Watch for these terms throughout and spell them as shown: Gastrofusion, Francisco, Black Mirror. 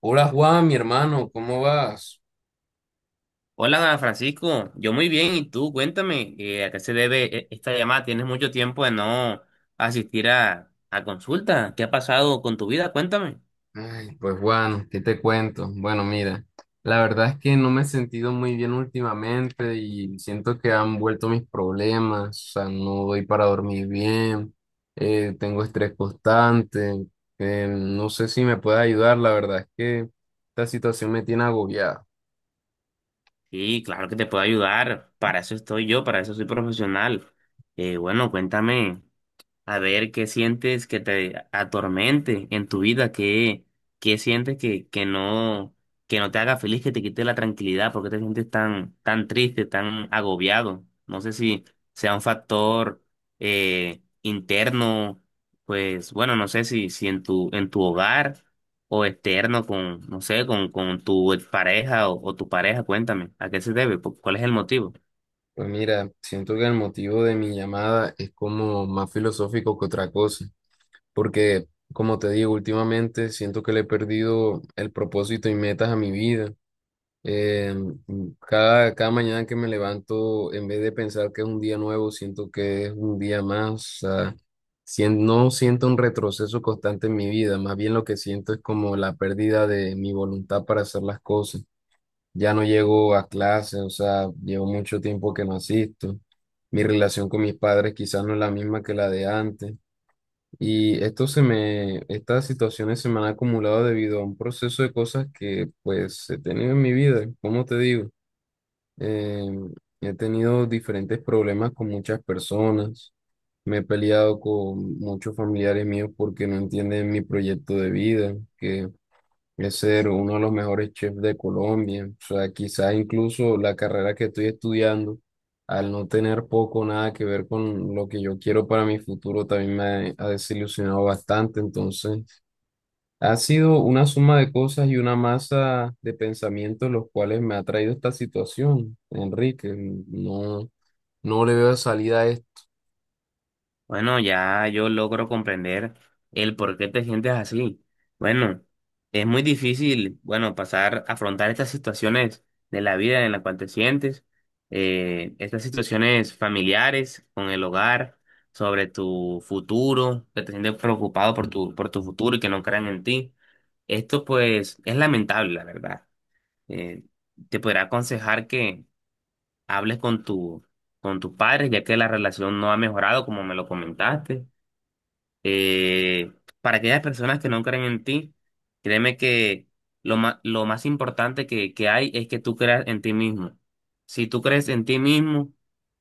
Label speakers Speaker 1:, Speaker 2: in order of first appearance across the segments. Speaker 1: Hola Juan, mi hermano, ¿cómo vas?
Speaker 2: Hola Francisco, yo muy bien, ¿y tú? Cuéntame, ¿a qué se debe esta llamada? Tienes mucho tiempo de no asistir a consulta. ¿Qué ha pasado con tu vida? Cuéntame.
Speaker 1: Ay, pues Juan, ¿qué te cuento? Bueno, mira, la verdad es que no me he sentido muy bien últimamente y siento que han vuelto mis problemas, o sea, no doy para dormir bien, tengo estrés constante, no sé si me puedes ayudar, la verdad es que esta situación me tiene agobiado.
Speaker 2: Sí, claro que te puedo ayudar, para eso estoy yo, para eso soy profesional. Bueno, cuéntame. A ver, ¿qué sientes que te atormente en tu vida? ¿Qué, qué sientes que no te haga feliz, que te quite la tranquilidad? ¿Porque te sientes tan, tan triste, tan agobiado? No sé si sea un factor interno. Pues bueno, no sé si en tu hogar o externo con, no sé, con tu pareja o tu pareja. Cuéntame, ¿a qué se debe? Cuál es el motivo?
Speaker 1: Pues mira, siento que el motivo de mi llamada es como más filosófico que otra cosa, porque, como te digo, últimamente siento que le he perdido el propósito y metas a mi vida. Eh, cada mañana que me levanto, en vez de pensar que es un día nuevo, siento que es un día más. O sea, no siento un retroceso constante en mi vida, más bien lo que siento es como la pérdida de mi voluntad para hacer las cosas. Ya no llego a clase, o sea, llevo mucho tiempo que no asisto. Mi relación con mis padres quizás no es la misma que la de antes. Y esto se me, estas situaciones se me han acumulado debido a un proceso de cosas que pues he tenido en mi vida, como te digo. Eh, he tenido diferentes problemas con muchas personas, me he peleado con muchos familiares míos porque no entienden mi proyecto de vida, que es ser uno de los mejores chefs de Colombia. O sea, quizás incluso la carrera que estoy estudiando, al no tener poco o nada que ver con lo que yo quiero para mi futuro, también me ha desilusionado bastante. Entonces, ha sido una suma de cosas y una masa de pensamientos los cuales me ha traído esta situación, Enrique. No, no le veo salida a esto.
Speaker 2: Bueno, ya yo logro comprender el por qué te sientes así. Bueno, es muy difícil, bueno, pasar, afrontar estas situaciones de la vida en la cual te sientes, estas situaciones familiares con el hogar, sobre tu futuro, que te sientes preocupado por tu futuro y que no crean en ti. Esto pues es lamentable, la verdad. Eh, Te podría aconsejar que hables con con tus padres, ya que la relación no ha mejorado, como me lo comentaste. eh, para aquellas personas que no creen en ti, créeme que lo más importante que hay es que tú creas en ti mismo. Si tú crees en ti mismo,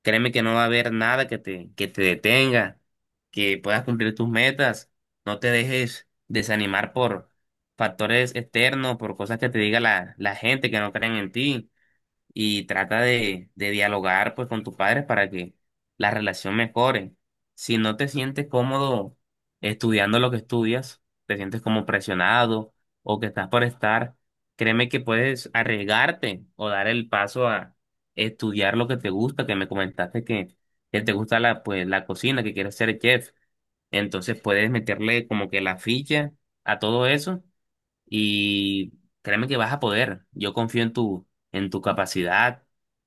Speaker 2: créeme que no va a haber nada que que te detenga, que puedas cumplir tus metas. No te dejes desanimar por factores externos, por cosas que te diga la gente que no creen en ti, y trata de dialogar pues con tus padres para que la relación mejore. Si no te sientes cómodo estudiando lo que estudias, te sientes como presionado o que estás por estar, créeme que puedes arriesgarte o dar el paso a estudiar lo que te gusta, que me comentaste que te gusta la, pues, la cocina, que quieres ser chef. Entonces puedes meterle como que la ficha a todo eso y créeme que vas a poder. Yo confío en en tu capacidad.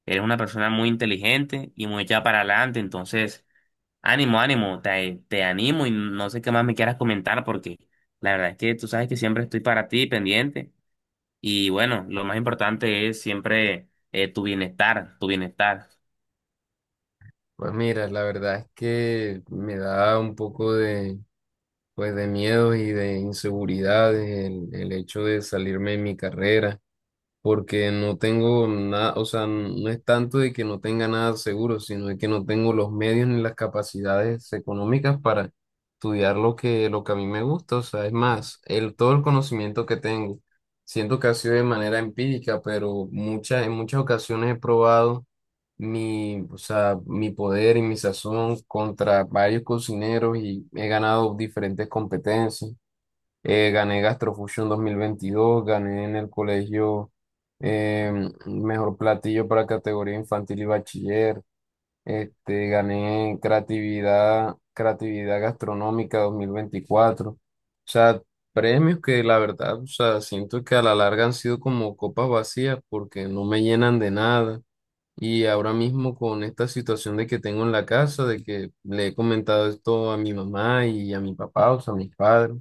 Speaker 2: Eres una persona muy inteligente y muy echada para adelante. Entonces, ánimo, ánimo. Te animo y no sé qué más me quieras comentar, porque la verdad es que tú sabes que siempre estoy para ti, pendiente. Y bueno, lo más importante es siempre tu bienestar, tu bienestar.
Speaker 1: Pues mira, la verdad es que me da un poco de, pues, de miedos y de inseguridades, el hecho de salirme de mi carrera porque no tengo nada, o sea, no es tanto de que no tenga nada seguro, sino de que no tengo los medios ni las capacidades económicas para estudiar lo que a mí me gusta. O sea, es más, el, todo el conocimiento que tengo, siento que ha sido de manera empírica, pero muchas, en muchas ocasiones he probado mi, o sea, mi poder y mi sazón contra varios cocineros y he ganado diferentes competencias. Gané Gastrofusion 2022, gané en el colegio, mejor platillo para categoría infantil y bachiller. Este, gané creatividad, creatividad gastronómica 2024. O sea, premios que la verdad, o sea, siento que a la larga han sido como copas vacías porque no me llenan de nada. Y ahora mismo con esta situación de que tengo en la casa, de que le he comentado esto a mi mamá y a mi papá, o sea, a mis padres,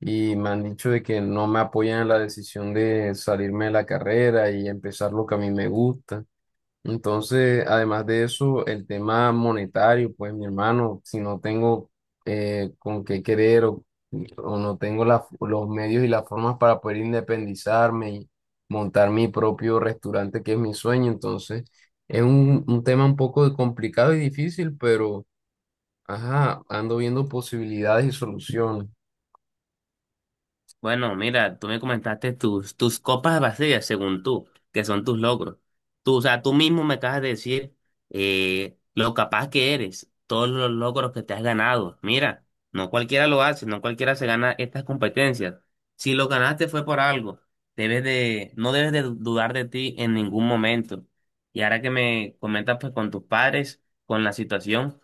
Speaker 1: y me han dicho de que no me apoyan en la decisión de salirme de la carrera y empezar lo que a mí me gusta. Entonces, además de eso, el tema monetario, pues mi hermano, si no tengo, con qué querer, o no tengo la- los medios y las formas para poder independizarme y montar mi propio restaurante, que es mi sueño, entonces es un tema un poco complicado y difícil, pero ajá, ando viendo posibilidades y soluciones.
Speaker 2: Bueno, mira, tú me comentaste tus copas vacías, según tú, que son tus logros. Tú, o sea, tú mismo me acabas de decir lo capaz que eres, todos los logros que te has ganado. Mira, no cualquiera lo hace, no cualquiera se gana estas competencias. Si lo ganaste fue por algo. Debes de, no debes de dudar de ti en ningún momento. Y ahora que me comentas pues con tus padres, con la situación,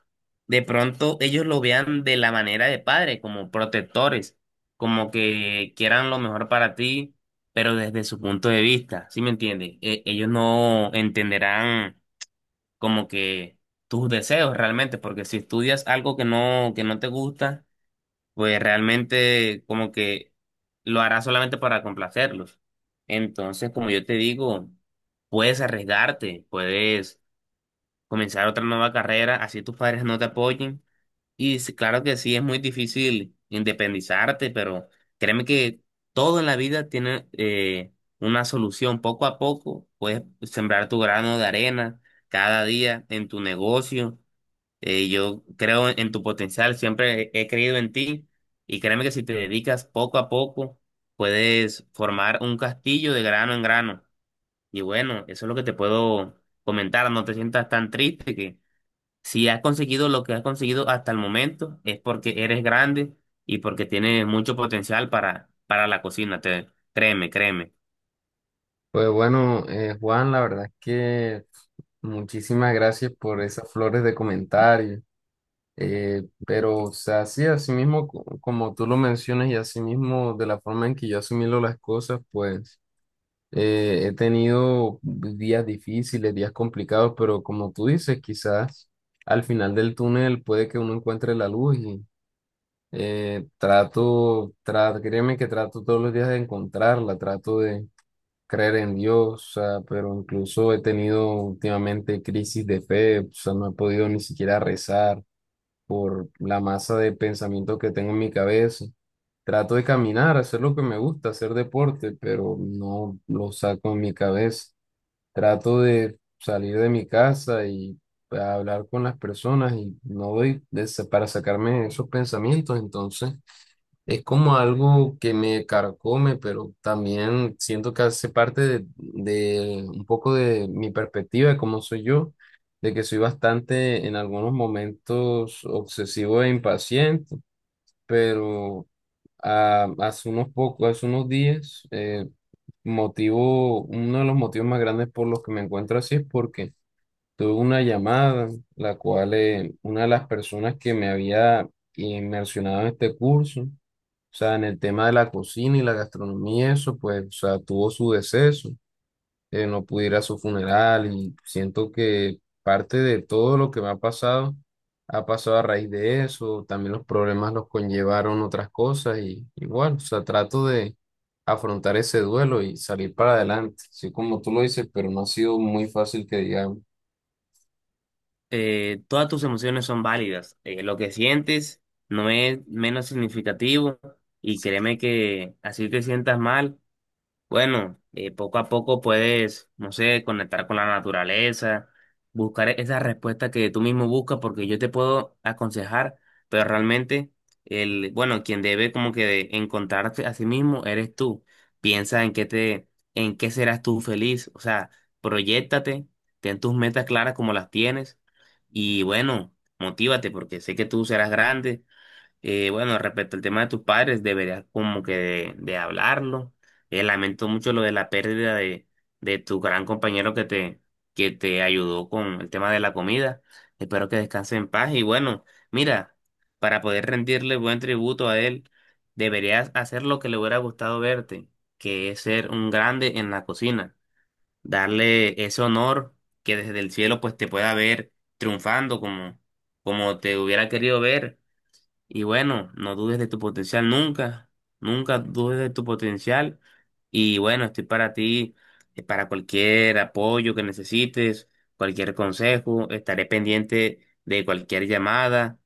Speaker 2: de pronto ellos lo vean de la manera de padre, como protectores, como que quieran lo mejor para ti, pero desde su punto de vista, ¿sí me entiendes? Ellos no entenderán como que tus deseos realmente, porque si estudias algo que no te gusta, pues realmente como que lo harás solamente para complacerlos. Entonces, como yo te digo, puedes arriesgarte, puedes comenzar otra nueva carrera, así tus padres no te apoyen, y sí, claro que sí, es muy difícil independizarte, pero créeme que todo en la vida tiene una solución. Poco a poco puedes sembrar tu grano de arena cada día en tu negocio. Yo creo en tu potencial, siempre he creído en ti, y créeme que si te dedicas poco a poco, puedes formar un castillo de grano en grano. Y bueno, eso es lo que te puedo comentar. No te sientas tan triste, si has conseguido lo que has conseguido hasta el momento, es porque eres grande y porque tienes mucho potencial para la cocina. Créeme, créeme.
Speaker 1: Pues bueno, Juan, la verdad es que muchísimas gracias por esas flores de comentario. Pero, o sea, sí, así mismo, como tú lo mencionas y así mismo de la forma en que yo asumí las cosas, pues he tenido días difíciles, días complicados, pero como tú dices, quizás al final del túnel puede que uno encuentre la luz y trato, créeme que trato todos los días de encontrarla, trato de creer en Dios, o sea, pero incluso he tenido últimamente crisis de fe, o sea, no he podido ni siquiera rezar por la masa de pensamiento que tengo en mi cabeza. Trato de caminar, hacer lo que me gusta, hacer deporte, pero no lo saco en mi cabeza. Trato de salir de mi casa y hablar con las personas y no doy para sacarme esos pensamientos, entonces es como algo que me carcome, pero también siento que hace parte de un poco de mi perspectiva de cómo soy yo, de que soy bastante en algunos momentos obsesivo e impaciente, pero ah, hace unos pocos, hace unos días, motivo, uno de los motivos más grandes por los que me encuentro así es porque tuve una llamada, la cual una de las personas que me había inmersionado en este curso, o sea, en el tema de la cocina y la gastronomía, eso, pues, o sea, tuvo su deceso, no pude ir a su funeral y siento que parte de todo lo que me ha pasado a raíz de eso, también los problemas los conllevaron otras cosas y igual, o sea, trato de afrontar ese duelo y salir para adelante, así como tú lo dices, pero no ha sido muy fácil que digamos.
Speaker 2: Todas tus emociones son válidas. Lo que sientes no es menos significativo, y créeme que así te sientas mal. Bueno, poco a poco puedes, no sé, conectar con la naturaleza, buscar esa respuesta que tú mismo buscas, porque yo te puedo aconsejar, pero realmente bueno, quien debe como que de encontrarte a sí mismo eres tú. Piensa en qué en qué serás tú feliz, o sea, proyéctate, ten tus metas claras como las tienes, y bueno, motívate porque sé que tú serás grande. Bueno, respecto al tema de tus padres, deberías como que de hablarlo. Lamento mucho lo de la pérdida de tu gran compañero que que te ayudó con el tema de la comida. Espero que descanse en paz. Y bueno, mira, para poder rendirle buen tributo a él, deberías hacer lo que le hubiera gustado verte, que es ser un grande en la cocina. Darle ese honor, que desde el cielo pues te pueda ver triunfando como, como te hubiera querido ver. Y bueno, no dudes de tu potencial nunca, nunca dudes de tu potencial. Y bueno, estoy para ti, para cualquier apoyo que necesites, cualquier consejo, estaré pendiente de cualquier llamada.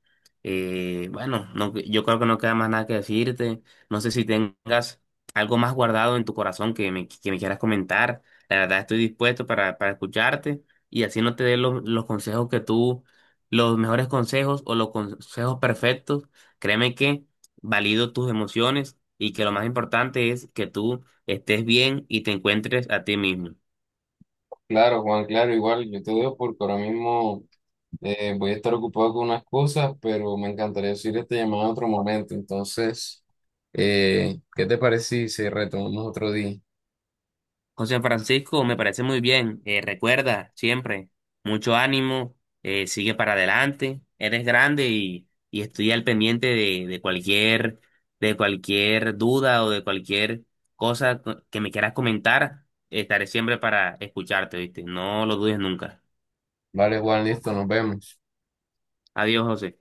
Speaker 2: Bueno, no, yo creo que no queda más nada que decirte. No sé si tengas algo más guardado en tu corazón que que me quieras comentar. La verdad, estoy dispuesto para escucharte, y así no te dé los consejos que tú, los mejores consejos o los consejos perfectos, créeme que valido tus emociones y que lo más importante es que tú estés bien y te encuentres a ti mismo.
Speaker 1: Claro, Juan, claro, igual yo te veo porque ahora mismo... voy a estar ocupado con unas cosas, pero me encantaría decir esta llamada en otro momento. Entonces, ¿qué te parece si retomamos otro día?
Speaker 2: José Francisco, me parece muy bien. Recuerda siempre, mucho ánimo, sigue para adelante, eres grande, y estoy al pendiente de cualquier duda o de cualquier cosa que me quieras comentar. Estaré siempre para escucharte, ¿viste? No lo dudes nunca.
Speaker 1: Vale, Juan, listo, nos vemos.
Speaker 2: Adiós, José.